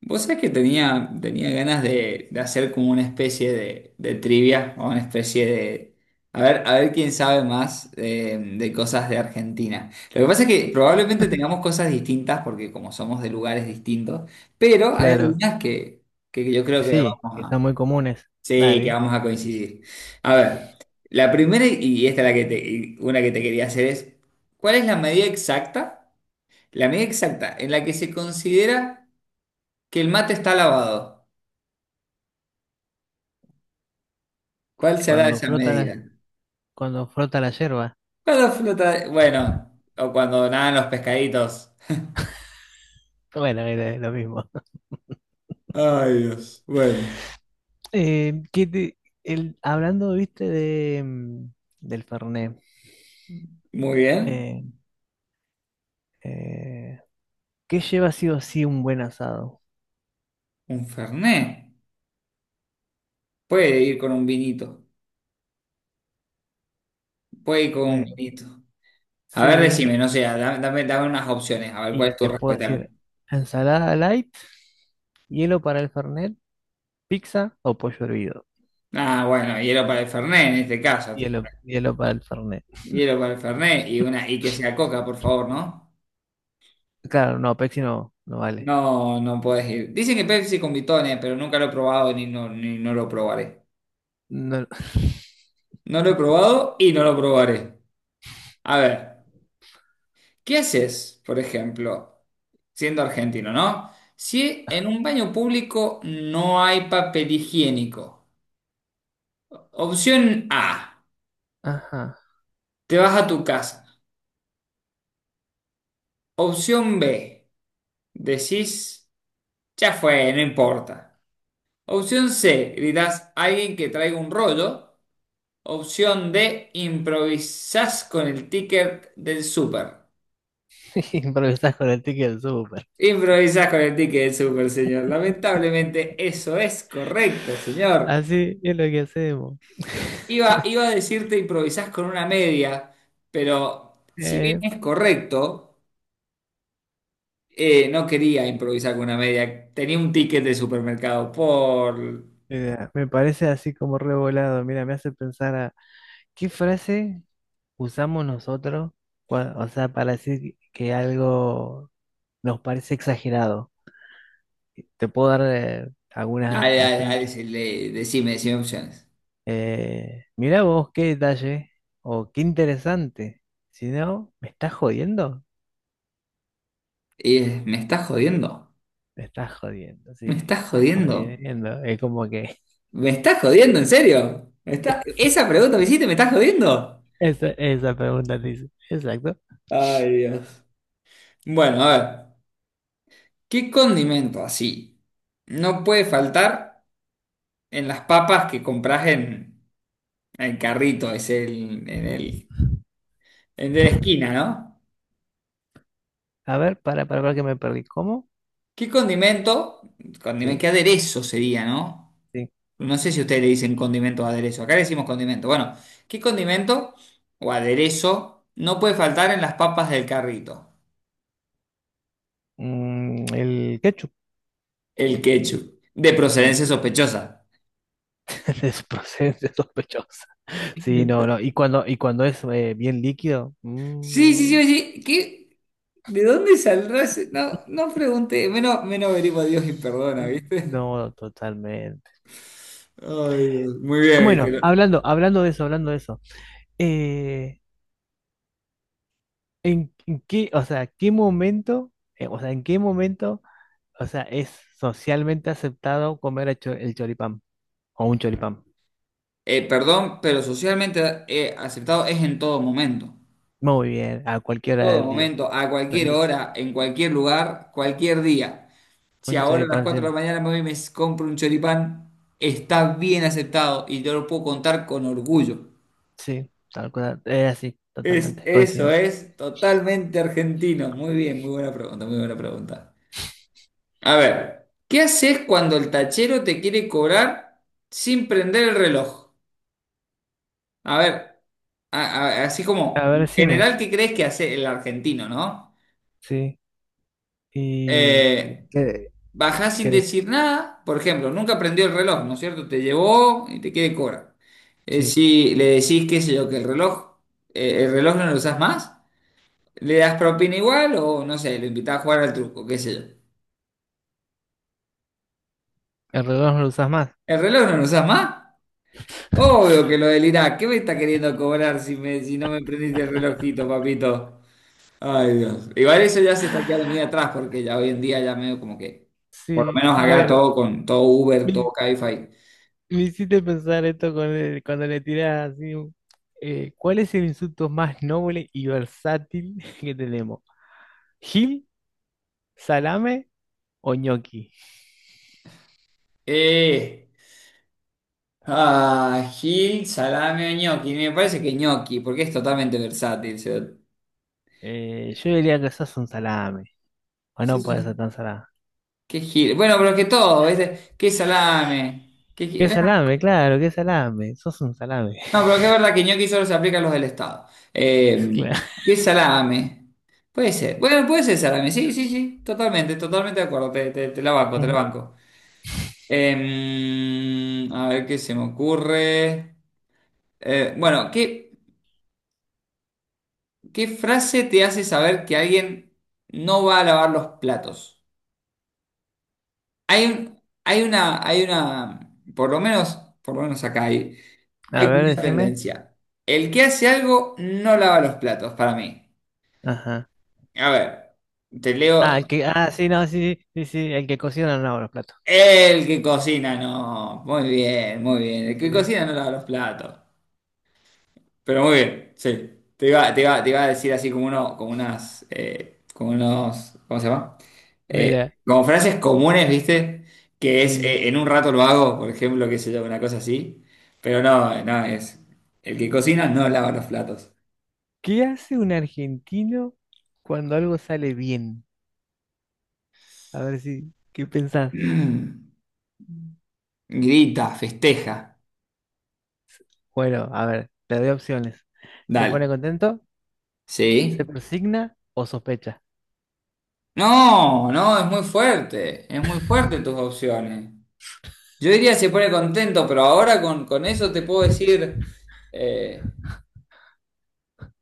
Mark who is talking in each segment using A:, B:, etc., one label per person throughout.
A: Vos sabés que tenía ganas de hacer como una especie de trivia o una especie de... a ver quién sabe más de cosas de Argentina. Lo que pasa es que probablemente tengamos cosas distintas porque como somos de lugares distintos, pero hay
B: Claro,
A: algunas que yo creo
B: que
A: que vamos
B: sí, que son
A: a...
B: muy comunes.
A: Sí, que
B: Dale,
A: vamos a coincidir. A ver, la primera y esta es la que te, y una que te quería hacer es, ¿cuál es la medida exacta? La medida exacta en la que se considera que el mate está lavado. ¿Cuál será
B: cuando
A: esa
B: frota
A: medida?
B: cuando frota la yerba.
A: Cuando flota, bueno, o cuando nadan los pescaditos.
B: Bueno, era lo mismo.
A: Ay, Dios. Bueno.
B: Eh, ¿qué te- hablando, viste, del Fernet,
A: Muy bien.
B: eh, eh, ¿qué lleva sí o sí un buen asado?
A: Un fernet. Puede ir con un vinito. Puede ir con un
B: Eh,
A: vinito. A ver,
B: sí,
A: decime, no sé, dame, dame unas opciones. A ver, ¿cuál
B: y
A: es tu
B: te puedo
A: respuesta?
B: decir, ensalada light, hielo para el Fernet, pizza o pollo hervido.
A: Ah, bueno, hielo para el fernet en este caso. Te-
B: Hielo para el Fernet.
A: Hielo para el fernet y una y que sea coca, por favor, ¿no?
B: Claro, no, Pepsi no, no vale.
A: No, no puedes ir. Dicen que Pepsi con bitones, pero nunca lo he probado ni no, ni no lo probaré.
B: No,
A: No lo he probado y no lo probaré. A ver, ¿qué haces, por ejemplo, siendo argentino, ¿no? Si en un baño público no hay papel higiénico. Opción A,
B: ajá.
A: te vas a tu casa. Opción B, decís, ya fue, no importa. Opción C, gritás a alguien que traiga un rollo. Opción D, improvisás con el ticket del súper.
B: Improvisas con el ticket del súper.
A: Improvisás con el ticket del súper, señor. Lamentablemente eso es correcto, señor.
B: Así es lo que hacemos.
A: Iba a decirte improvisás con una media, pero si bien
B: Eh,
A: es correcto, no quería improvisar con una media. Tenía un ticket de supermercado por...
B: mira, me parece así como revolado. Mira, me hace pensar a qué frase usamos nosotros, o sea, para decir que algo nos parece exagerado. Te puedo dar algunas
A: Dale, dale, dale,
B: ayuditas.
A: decirle, decime, decime opciones.
B: Mirá vos qué detalle o qué interesante. Si no, ¿me estás jodiendo?
A: Me estás jodiendo,
B: Me estás jodiendo, sí,
A: me estás
B: me estás
A: jodiendo,
B: jodiendo. Es como que.
A: me estás jodiendo, en serio. ¿Me está- Esa pregunta que hiciste, ¿me estás jodiendo?
B: Esa pregunta dice. Exacto.
A: Ay, Dios. Bueno, a ver, ¿qué condimento así no puede faltar en las papas que compras en? El carrito es el, en el, el de la esquina, ¿no?
B: A ver, para que me perdí. ¿Cómo?
A: ¿Qué condimento? Condimento,
B: Sí,
A: ¿qué aderezo sería, no?
B: sí.
A: No sé si ustedes le dicen condimento o aderezo. Acá le decimos condimento. Bueno, ¿qué condimento o aderezo no puede faltar en las papas del carrito?
B: Mm, el ketchup.
A: El ketchup. De
B: El
A: procedencia
B: ketchup
A: sospechosa.
B: es procedencia sospechosa. Sí, no, no. Y y cuando es bien líquido,
A: Sí, sí, sí, sí. ¿Qué? ¿De dónde saldrá ese? No, no pregunté. Menos, menos venimos a Dios y perdona, ¿viste?
B: no, totalmente.
A: Ay, Dios. Muy bien,
B: Bueno,
A: ¿viste?
B: hablando de eso, hablando de eso. eh, en qué, o sea, qué momento, o sea, en qué momento, o sea, es socialmente aceptado comer el choripán o un choripán?
A: Perdón, pero socialmente aceptado es en todo momento.
B: Muy bien, a cualquier hora
A: Todo
B: del día.
A: momento, a cualquier
B: Donde-
A: hora, en cualquier lugar, cualquier día. Si
B: Un
A: ahora a las
B: choripán, sí,
A: 4 de la mañana me voy y me compro un choripán, está bien aceptado y yo lo puedo contar con orgullo.
B: sí, tal cual. Es así,
A: Es,
B: totalmente,
A: eso
B: coincido.
A: es totalmente argentino. Muy bien, muy buena pregunta, muy buena pregunta. A ver, ¿qué haces cuando el tachero te quiere cobrar sin prender el reloj? A ver, así
B: A
A: como,
B: ver,
A: en
B: decime,
A: general, ¿qué crees que hace el argentino, no?
B: sí. ¿Y
A: Eh,
B: qué,
A: Bajás sin
B: qué-
A: decir nada, por ejemplo, nunca prendió el reloj, ¿no es cierto? Te llevó y te quiere cobrar.
B: sí,
A: Si le decís, qué sé yo, que el reloj no lo usás más, le das propina igual o, no sé, lo invitás a jugar al truco, qué sé yo.
B: el reloj no lo usas más.
A: ¿El reloj no lo usás más? Obvio que lo delirás. ¿Qué me está queriendo cobrar si, me, si no me prendiste el relojito, papito? Ay, Dios. Igual eso ya se está quedando muy atrás porque ya hoy en día ya medio como que, por lo
B: Sí,
A: menos
B: a
A: acá
B: ver,
A: todo con todo Uber, todo
B: me,
A: Cabify.
B: me hiciste pensar esto con cuando le tirás así. ¿Cuál es el insulto más noble y versátil que tenemos? ¿Gil, salame o ñoqui?
A: Eh, Gil, salame o ñoqui. Me parece que ñoqui, porque es totalmente versátil. O sea,
B: Yo diría que sos un salame. O
A: sí,
B: no puede ser
A: sí,
B: tan salame.
A: ¿qué Gil? Bueno, pero que todo, ¿viste? ¿Qué salame? ¿Qué Gil?
B: Qué
A: Bueno,
B: salame, claro, qué salame. Sos un salame,
A: no, pero que es verdad que ñoqui solo se aplica a los del Estado. Eh,
B: claro.
A: ¿Qué salame? Puede ser. Bueno, puede ser salame. Sí, sí, sí. Totalmente, totalmente de acuerdo. Te la banco, te la
B: Ujú.
A: banco. A ver qué se me ocurre. Bueno, ¿qué frase te hace saber que alguien no va a lavar los platos? Hay una, hay una, por lo menos acá hay,
B: A
A: hay como
B: ver,
A: una
B: decime.
A: tendencia. El que hace algo no lava los platos, para mí.
B: Ajá.
A: A ver, te
B: Ah,
A: leo.
B: sí, no, sí, sí, el que cocina no lava los platos.
A: El que cocina, no. Muy bien, muy bien. El
B: Sí,
A: que
B: sí.
A: cocina no lava los platos. Pero muy bien, sí. Te iba a decir así como uno, como unas, como unos, ¿cómo se llama? Eh,
B: Mira,
A: Como frases comunes, ¿viste? Que es
B: sí.
A: en un rato lo hago, por ejemplo, qué sé yo, una cosa así. Pero no, no, es el que cocina no lava los platos.
B: ¿Qué hace un argentino cuando algo sale bien? A ver si, ¿qué pensás?
A: Mm, grita, festeja.
B: Bueno, a ver, te doy opciones. ¿Se
A: Dale.
B: pone contento? ¿Se
A: ¿Sí?
B: persigna o sospecha?
A: No, no, es muy fuerte. Es muy fuerte tus opciones. Yo diría se pone contento, pero ahora con eso te puedo decir. eh,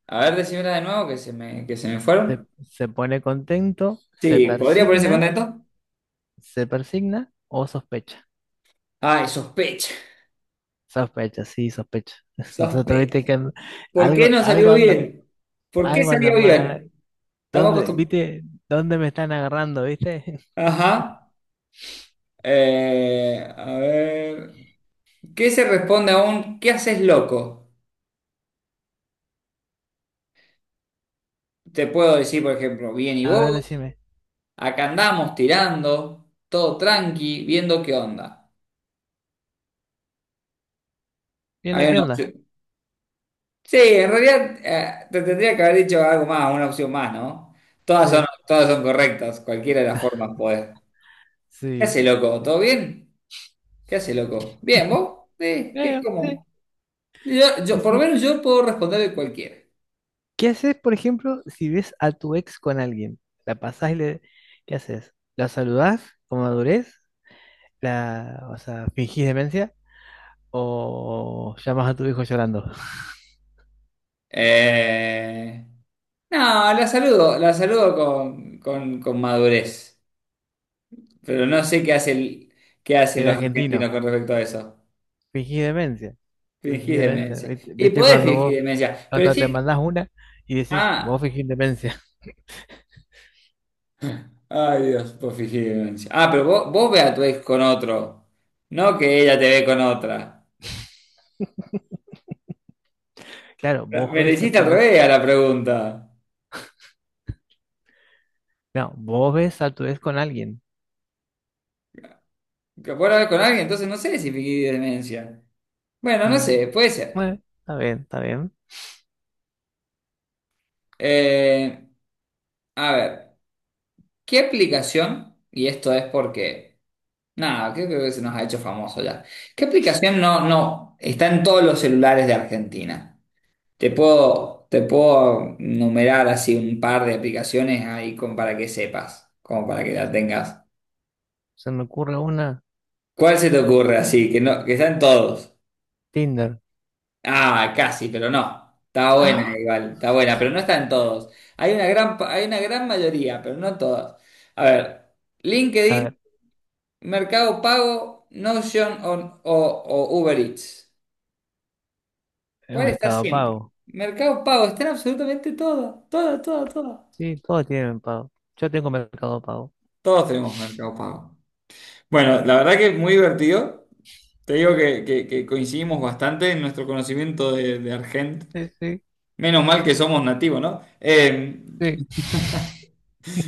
A: A ver, decímela de nuevo que se me fueron.
B: Se pone contento,
A: Sí, ¿podría ponerse contento?
B: se persigna o sospecha.
A: Ay, sospecha,
B: Sospecho, sí, sospecho. Nosotros, viste
A: sospecha.
B: que
A: ¿Por qué
B: algo,
A: no salió bien? ¿Por qué
B: algo anda
A: salió bien?
B: mal.
A: Estamos
B: ¿Dónde,
A: acostumbrados.
B: viste? ¿Dónde me están agarrando, viste?
A: Ajá. A ver. ¿Qué se responde a un ¿qué haces loco? Te puedo decir, por ejemplo, bien y
B: A ver,
A: vos,
B: decime.
A: acá andamos tirando, todo tranqui, viendo qué onda.
B: ¿Bien lo
A: Hay
B: que
A: una
B: onda?
A: opción- Sí, en realidad te tendría que haber dicho algo más, una opción más, ¿no?
B: Sí,
A: Todas son correctas, cualquiera de las formas puede. ¿Qué
B: sí.
A: hace, loco? ¿Todo bien? ¿Qué hace, loco? ¿Bien, vos? Sí,
B: Creo, sí,
A: ¿cómo? Yo,
B: sí,
A: por lo
B: sí.
A: menos yo puedo responder de cualquiera.
B: ¿Qué haces, por ejemplo, si ves a tu ex con alguien? ¿La pasás y le... ¿Qué haces? ¿La saludás con madurez? O sea, ¿fingís demencia? ¿O llamas a tu hijo llorando?
A: Eh, no, la saludo con, con madurez, pero no sé qué hace qué hacen
B: El
A: los argentinos
B: argentino,
A: con respecto a eso.
B: fingís demencia. Fingir
A: Fingís
B: demencia.
A: demencia.
B: ¿Viste?
A: Y
B: ¿Viste
A: podés
B: cuando
A: fingir
B: vos,
A: demencia, pero
B: cuando te
A: sí...
B: mandas una y decís,
A: Ah.
B: vos fingís demencia?
A: Ay, Dios, por fingir. Ah, pero vos, vos ve a tu ex con otro, no que ella te ve con otra.
B: Claro, vos
A: Me le
B: ves a
A: hiciste al
B: tu ex.
A: revés a la pregunta.
B: No, vos ves a tu ex con alguien.
A: ¿Que puedo hablar con alguien? Entonces no sé si fingí demencia. Bueno, no
B: Mm,
A: sé, puede ser.
B: Bueno, está bien, está bien.
A: Eh, a ver, ¿qué aplicación? Y esto es porque, nada, creo que se nos ha hecho famoso ya. ¿Qué aplicación no, no está en todos los celulares de Argentina? Te puedo numerar así un par de aplicaciones ahí como para que sepas, como para que la tengas.
B: Se me ocurre una,
A: ¿Cuál se te ocurre así? Que no, que están todos.
B: Tinder.
A: Ah, casi, pero no. Está buena
B: A
A: igual, está buena, pero no están todos. Hay una gran, hay una gran mayoría, pero no en todas. A ver, LinkedIn,
B: ver,
A: Mercado Pago, Notion o, o Uber Eats.
B: el
A: ¿Cuál está
B: Mercado
A: siempre?
B: Pago.
A: Mercado Pago, están absolutamente todas, todas, todas, todas.
B: Sí, todos tienen pago. Yo tengo Mercado Pago.
A: Todos tenemos Mercado Pago. Bueno, la verdad que muy divertido. Te digo que, que coincidimos bastante en nuestro conocimiento de Argent.
B: Sí, sí,
A: Menos mal que somos nativos, ¿no?
B: sí.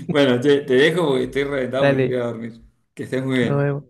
A: Bueno, te dejo porque estoy reventado, me quiero
B: Dale,
A: ir a dormir. Que estés muy
B: nos
A: bien.
B: vemos.